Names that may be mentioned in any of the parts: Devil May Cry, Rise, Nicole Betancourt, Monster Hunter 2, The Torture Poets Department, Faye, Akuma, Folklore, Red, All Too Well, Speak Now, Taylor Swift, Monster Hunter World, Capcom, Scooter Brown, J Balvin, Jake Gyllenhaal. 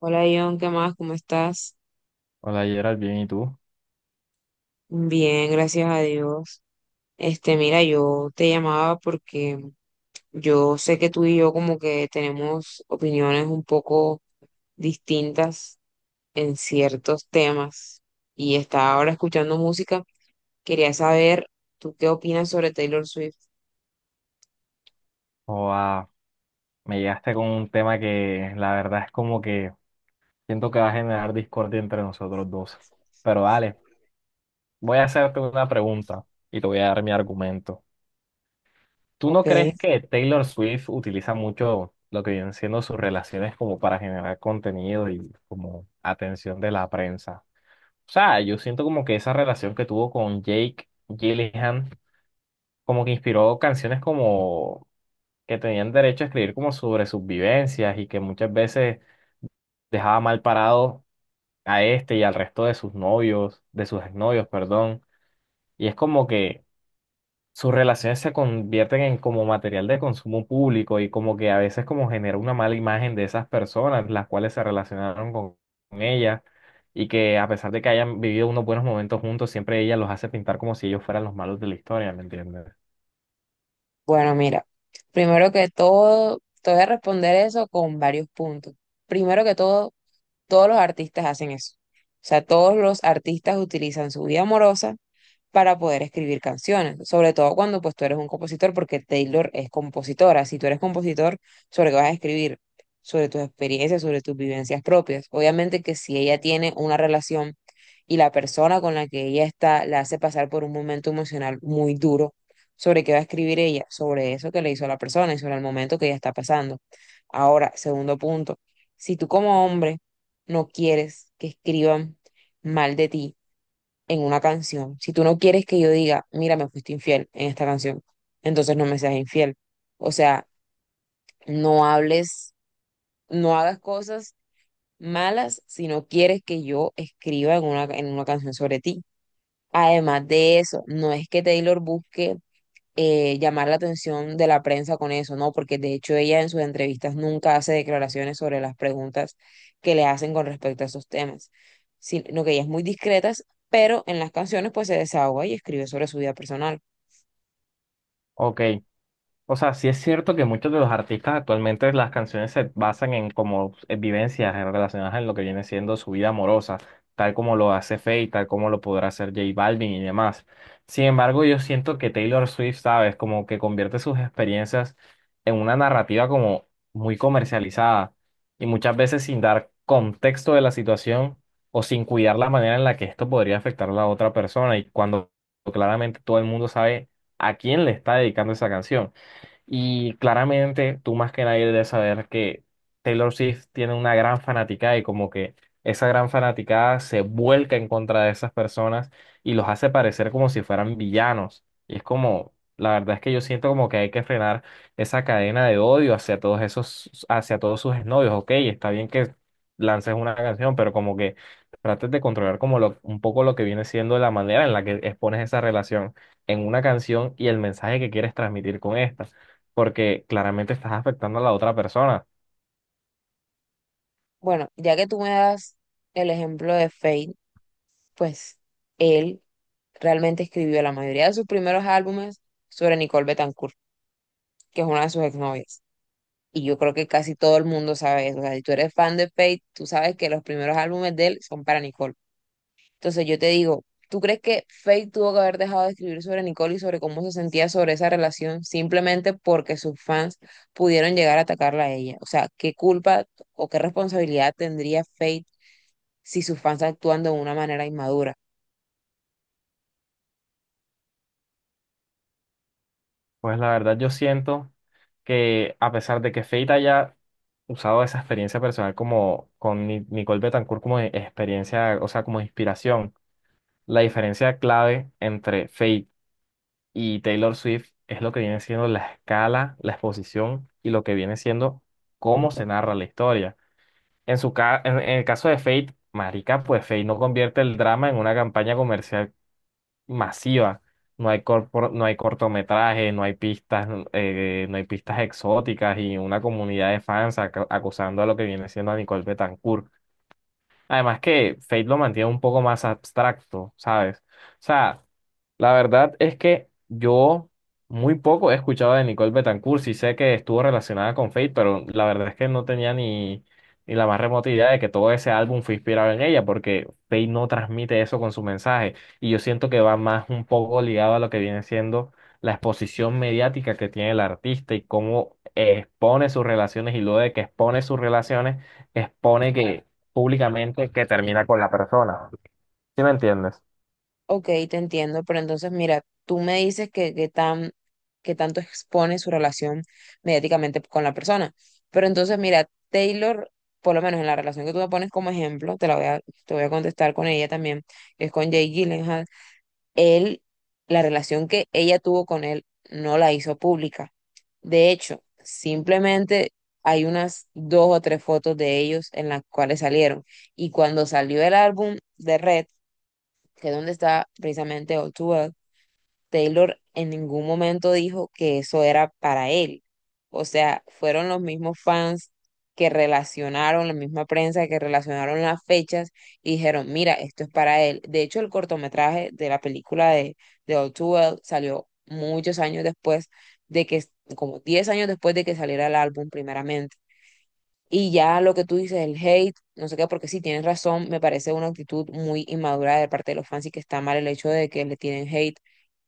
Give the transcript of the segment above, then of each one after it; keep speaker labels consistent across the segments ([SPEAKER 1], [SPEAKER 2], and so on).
[SPEAKER 1] Hola John, ¿qué más? ¿Cómo estás?
[SPEAKER 2] Hola Gerald, bien, ¿y tú?
[SPEAKER 1] Bien, gracias a Dios. Mira, yo te llamaba porque yo sé que tú y yo como que tenemos opiniones un poco distintas en ciertos temas y estaba ahora escuchando música. Quería saber, ¿tú qué opinas sobre Taylor Swift?
[SPEAKER 2] Joa, me llegaste con un tema que la verdad es como que siento que va a generar discordia entre nosotros dos. Pero dale, voy a hacerte una pregunta y te voy a dar mi argumento. ¿Tú no
[SPEAKER 1] Ok,
[SPEAKER 2] crees que Taylor Swift utiliza mucho lo que vienen siendo sus relaciones como para generar contenido y como atención de la prensa? O sea, yo siento como que esa relación que tuvo con Jake Gyllenhaal como que inspiró canciones como que tenían derecho a escribir como sobre sus vivencias y que muchas veces dejaba mal parado a este y al resto de sus novios, de sus exnovios, perdón. Y es como que sus relaciones se convierten en como material de consumo público y como que a veces como genera una mala imagen de esas personas, las cuales se relacionaron con ella, y que a pesar de que hayan vivido unos buenos momentos juntos, siempre ella los hace pintar como si ellos fueran los malos de la historia, ¿me entiendes?
[SPEAKER 1] bueno, mira, primero que todo, te voy a responder eso con varios puntos. Primero que todo, todos los artistas hacen eso. O sea, todos los artistas utilizan su vida amorosa para poder escribir canciones, sobre todo cuando pues tú eres un compositor, porque Taylor es compositora, si tú eres compositor, sobre qué vas a escribir, sobre tus experiencias, sobre tus vivencias propias. Obviamente que si ella tiene una relación y la persona con la que ella está la hace pasar por un momento emocional muy duro, sobre qué va a escribir ella, sobre eso que le hizo a la persona y sobre el momento que ella está pasando. Ahora, segundo punto, si tú como hombre no quieres que escriban mal de ti, en una canción. Si tú no quieres que yo diga, mira, me fuiste infiel en esta canción, entonces no me seas infiel. O sea, no hables, no hagas cosas malas si no quieres que yo escriba en una canción sobre ti. Además de eso, no es que Taylor busque llamar la atención de la prensa con eso, ¿no? Porque de hecho ella en sus entrevistas nunca hace declaraciones sobre las preguntas que le hacen con respecto a esos temas, sino que ella es muy discreta, pero en las canciones pues se desahoga y escribe sobre su vida personal.
[SPEAKER 2] Ok, o sea, sí es cierto que muchos de los artistas actualmente las canciones se basan en como en vivencias relacionadas en lo que viene siendo su vida amorosa, tal como lo hace Faye, tal como lo podrá hacer J Balvin y demás. Sin embargo, yo siento que Taylor Swift, ¿sabes? Como que convierte sus experiencias en una narrativa como muy comercializada y muchas veces sin dar contexto de la situación o sin cuidar la manera en la que esto podría afectar a la otra persona, y cuando claramente todo el mundo sabe a quién le está dedicando esa canción. Y claramente tú más que nadie debes saber que Taylor Swift tiene una gran fanaticada y como que esa gran fanaticada se vuelca en contra de esas personas y los hace parecer como si fueran villanos. Y es como, la verdad es que yo siento como que hay que frenar esa cadena de odio hacia todos esos, hacia todos sus novios. Ok, está bien que lances una canción, pero como que trates de controlar como lo, un poco lo que viene siendo la manera en la que expones esa relación en una canción y el mensaje que quieres transmitir con esta, porque claramente estás afectando a la otra persona.
[SPEAKER 1] Bueno, ya que tú me das el ejemplo de Fate, pues él realmente escribió la mayoría de sus primeros álbumes sobre Nicole Betancourt, que es una de sus exnovias. Y yo creo que casi todo el mundo sabe eso. O sea, si tú eres fan de Fate, tú sabes que los primeros álbumes de él son para Nicole. Entonces yo te digo, ¿tú crees que Faith tuvo que haber dejado de escribir sobre Nicole y sobre cómo se sentía sobre esa relación simplemente porque sus fans pudieron llegar a atacarla a ella? O sea, ¿qué culpa o qué responsabilidad tendría Faith si sus fans actúan de una manera inmadura?
[SPEAKER 2] Pues la verdad yo siento que a pesar de que Fate haya usado esa experiencia personal como con Nicole Betancourt como experiencia, o sea, como inspiración, la diferencia clave entre Fate y Taylor Swift es lo que viene siendo la escala, la exposición y lo que viene siendo cómo se narra la historia. En el caso de Fate, marica, pues Fate no convierte el drama en una campaña comercial masiva. No hay no hay cortometrajes, no hay pistas, no hay pistas exóticas y una comunidad de fans acusando a lo que viene siendo a Nicole Betancourt. Además que Fate lo mantiene un poco más abstracto, ¿sabes? O sea, la verdad es que yo muy poco he escuchado de Nicole Betancourt. Sí sé que estuvo relacionada con Fate, pero la verdad es que no tenía ni la más remota idea de que todo ese álbum fue inspirado en ella, porque Fate no transmite eso con su mensaje. Y yo siento que va más un poco ligado a lo que viene siendo la exposición mediática que tiene el artista y cómo expone sus relaciones y luego de que expone sus relaciones, expone que públicamente que termina con la persona. ¿Sí me entiendes?
[SPEAKER 1] Ok, te entiendo, pero entonces mira, tú me dices que tanto expone su relación mediáticamente con la persona, pero entonces mira, Taylor, por lo menos en la relación que tú me pones como ejemplo, te voy a contestar con ella también, que es con Jake Gyllenhaal, él, la relación que ella tuvo con él no la hizo pública. De hecho, simplemente hay unas dos o tres fotos de ellos en las cuales salieron, y cuando salió el álbum de Red, que es donde está precisamente All Too Well, Taylor en ningún momento dijo que eso era para él. O sea, fueron los mismos fans que relacionaron, la misma prensa que relacionaron las fechas y dijeron, mira, esto es para él. De hecho, el cortometraje de la película de All Too Well salió muchos años después de que, como 10 años después de que saliera el álbum primeramente. Y ya lo que tú dices, el hate, no sé qué, porque sí tienes razón, me parece una actitud muy inmadura de parte de los fans y que está mal el hecho de que le tienen hate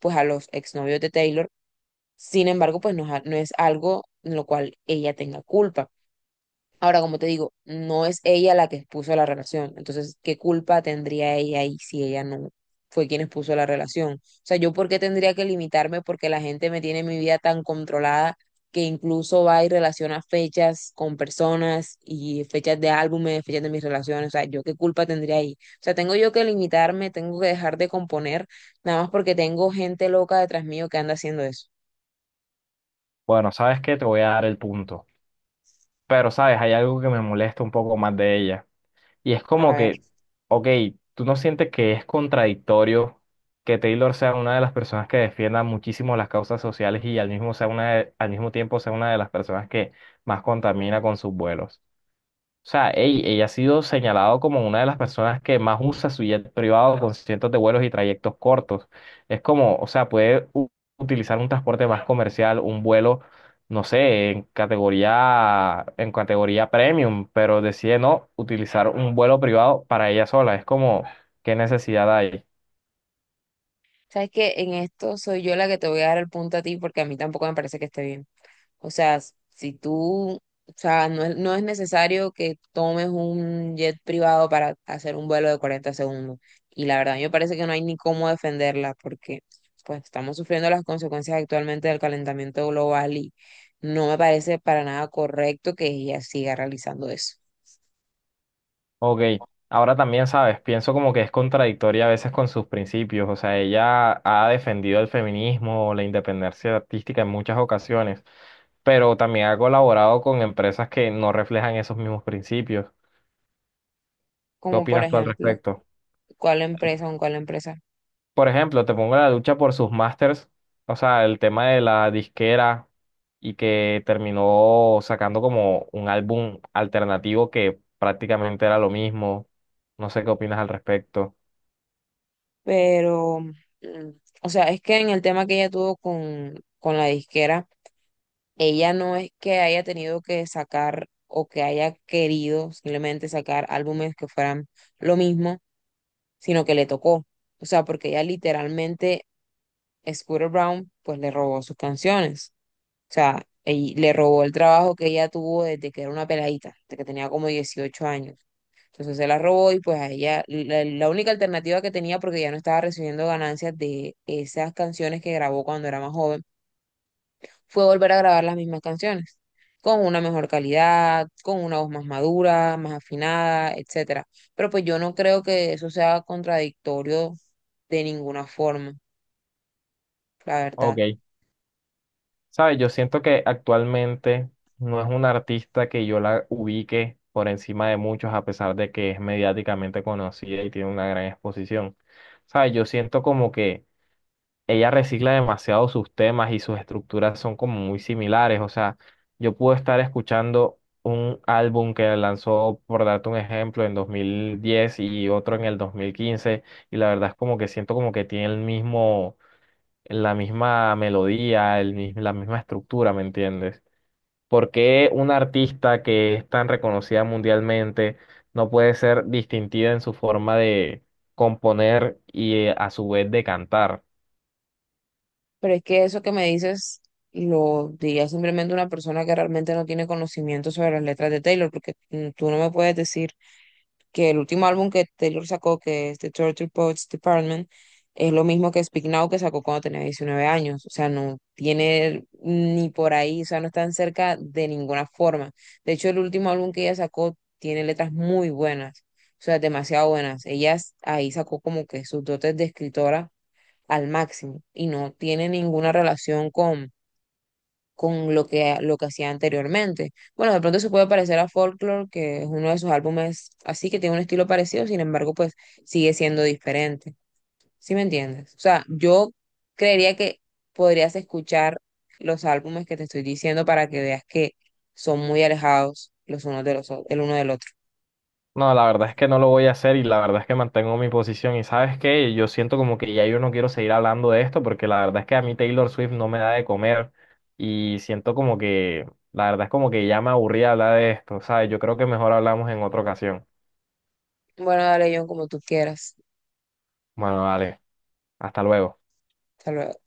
[SPEAKER 1] pues a los exnovios de Taylor. Sin embargo, pues no, no es algo en lo cual ella tenga culpa. Ahora, como te digo, no es ella la que expuso la relación. Entonces, ¿qué culpa tendría ella ahí si ella no fue quien expuso la relación? O sea, ¿yo por qué tendría que limitarme? Porque la gente me tiene mi vida tan controlada que incluso va y relaciona fechas con personas y fechas de álbumes, fechas de mis relaciones. O sea, ¿yo qué culpa tendría ahí? O sea, tengo yo que limitarme, tengo que dejar de componer, nada más porque tengo gente loca detrás mío que anda haciendo eso.
[SPEAKER 2] Bueno, ¿sabes que te voy a dar el punto? Pero, ¿sabes? Hay algo que me molesta un poco más de ella. Y es
[SPEAKER 1] A
[SPEAKER 2] como
[SPEAKER 1] ver,
[SPEAKER 2] que, ok, ¿tú no sientes que es contradictorio que Taylor sea una de las personas que defienda muchísimo las causas sociales y al mismo, sea al mismo tiempo sea una de las personas que más contamina con sus vuelos? O sea, ey, ella ha sido señalado como una de las personas que más usa su jet privado con cientos de vuelos y trayectos cortos. Es como, o sea, puede utilizar un transporte más comercial, un vuelo, no sé, en categoría premium, pero decide no utilizar un vuelo privado para ella sola. Es como, ¿qué necesidad hay?
[SPEAKER 1] ¿sabes qué? En esto soy yo la que te voy a dar el punto a ti porque a mí tampoco me parece que esté bien. O sea, si tú, o sea, no es necesario que tomes un jet privado para hacer un vuelo de 40 segundos. Y la verdad, a mí me parece que no hay ni cómo defenderla porque pues estamos sufriendo las consecuencias actualmente del calentamiento global y no me parece para nada correcto que ella siga realizando eso.
[SPEAKER 2] Ok, ahora también sabes, pienso como que es contradictoria a veces con sus principios. O sea, ella ha defendido el feminismo, la independencia artística en muchas ocasiones, pero también ha colaborado con empresas que no reflejan esos mismos principios. ¿Qué
[SPEAKER 1] Como por
[SPEAKER 2] opinas tú al
[SPEAKER 1] ejemplo,
[SPEAKER 2] respecto?
[SPEAKER 1] cuál empresa o cuál empresa.
[SPEAKER 2] Por ejemplo, te pongo la lucha por sus masters, o sea, el tema de la disquera y que terminó sacando como un álbum alternativo que prácticamente era lo mismo. No sé qué opinas al respecto.
[SPEAKER 1] Pero, o sea, es que en el tema que ella tuvo con la disquera, ella no es que haya tenido que sacar o que haya querido simplemente sacar álbumes que fueran lo mismo, sino que le tocó. O sea, porque ella literalmente, Scooter Brown, pues le robó sus canciones. O sea, le robó el trabajo que ella tuvo desde que era una peladita, desde que tenía como 18 años. Entonces se la robó y pues a ella, la única alternativa que tenía, porque ya no estaba recibiendo ganancias de esas canciones que grabó cuando era más joven, fue volver a grabar las mismas canciones, con una mejor calidad, con una voz más madura, más afinada, etcétera. Pero pues yo no creo que eso sea contradictorio de ninguna forma, la verdad.
[SPEAKER 2] Ok. ¿Sabes? Yo siento que actualmente no es una artista que yo la ubique por encima de muchos, a pesar de que es mediáticamente conocida y tiene una gran exposición. ¿Sabes? Yo siento como que ella recicla demasiado sus temas y sus estructuras son como muy similares. O sea, yo puedo estar escuchando un álbum que lanzó, por darte un ejemplo, en 2010 y otro en el 2015, y la verdad es como que siento como que tiene el mismo la misma melodía, la misma estructura, ¿me entiendes? ¿Por qué una artista que es tan reconocida mundialmente no puede ser distintiva en su forma de componer y, a su vez, de cantar?
[SPEAKER 1] Pero es que eso que me dices lo diría simplemente una persona que realmente no tiene conocimiento sobre las letras de Taylor, porque tú no me puedes decir que el último álbum que Taylor sacó, que es The Torture Poets Department, es lo mismo que Speak Now que sacó cuando tenía 19 años. O sea, no tiene ni por ahí, o sea, no están cerca de ninguna forma. De hecho, el último álbum que ella sacó tiene letras muy buenas, o sea, demasiado buenas. Ahí sacó como que sus dotes de escritora al máximo y no tiene ninguna relación con lo que hacía anteriormente. Bueno, de pronto se puede parecer a Folklore, que es uno de sus álbumes así, que tiene un estilo parecido, sin embargo, pues sigue siendo diferente. ¿Sí me entiendes? O sea, yo creería que podrías escuchar los álbumes que te estoy diciendo para que veas que son muy alejados los unos de los, el uno del otro.
[SPEAKER 2] No, la verdad es que no lo voy a hacer y la verdad es que mantengo mi posición. Y sabes qué, yo siento como que ya yo no quiero seguir hablando de esto porque la verdad es que a mí Taylor Swift no me da de comer, y siento como que, la verdad es como que ya me aburrí hablar de esto, ¿sabes? Yo creo que mejor hablamos en otra ocasión.
[SPEAKER 1] Bueno, dale, John, como tú quieras.
[SPEAKER 2] Bueno, vale. Hasta luego.
[SPEAKER 1] Hasta luego.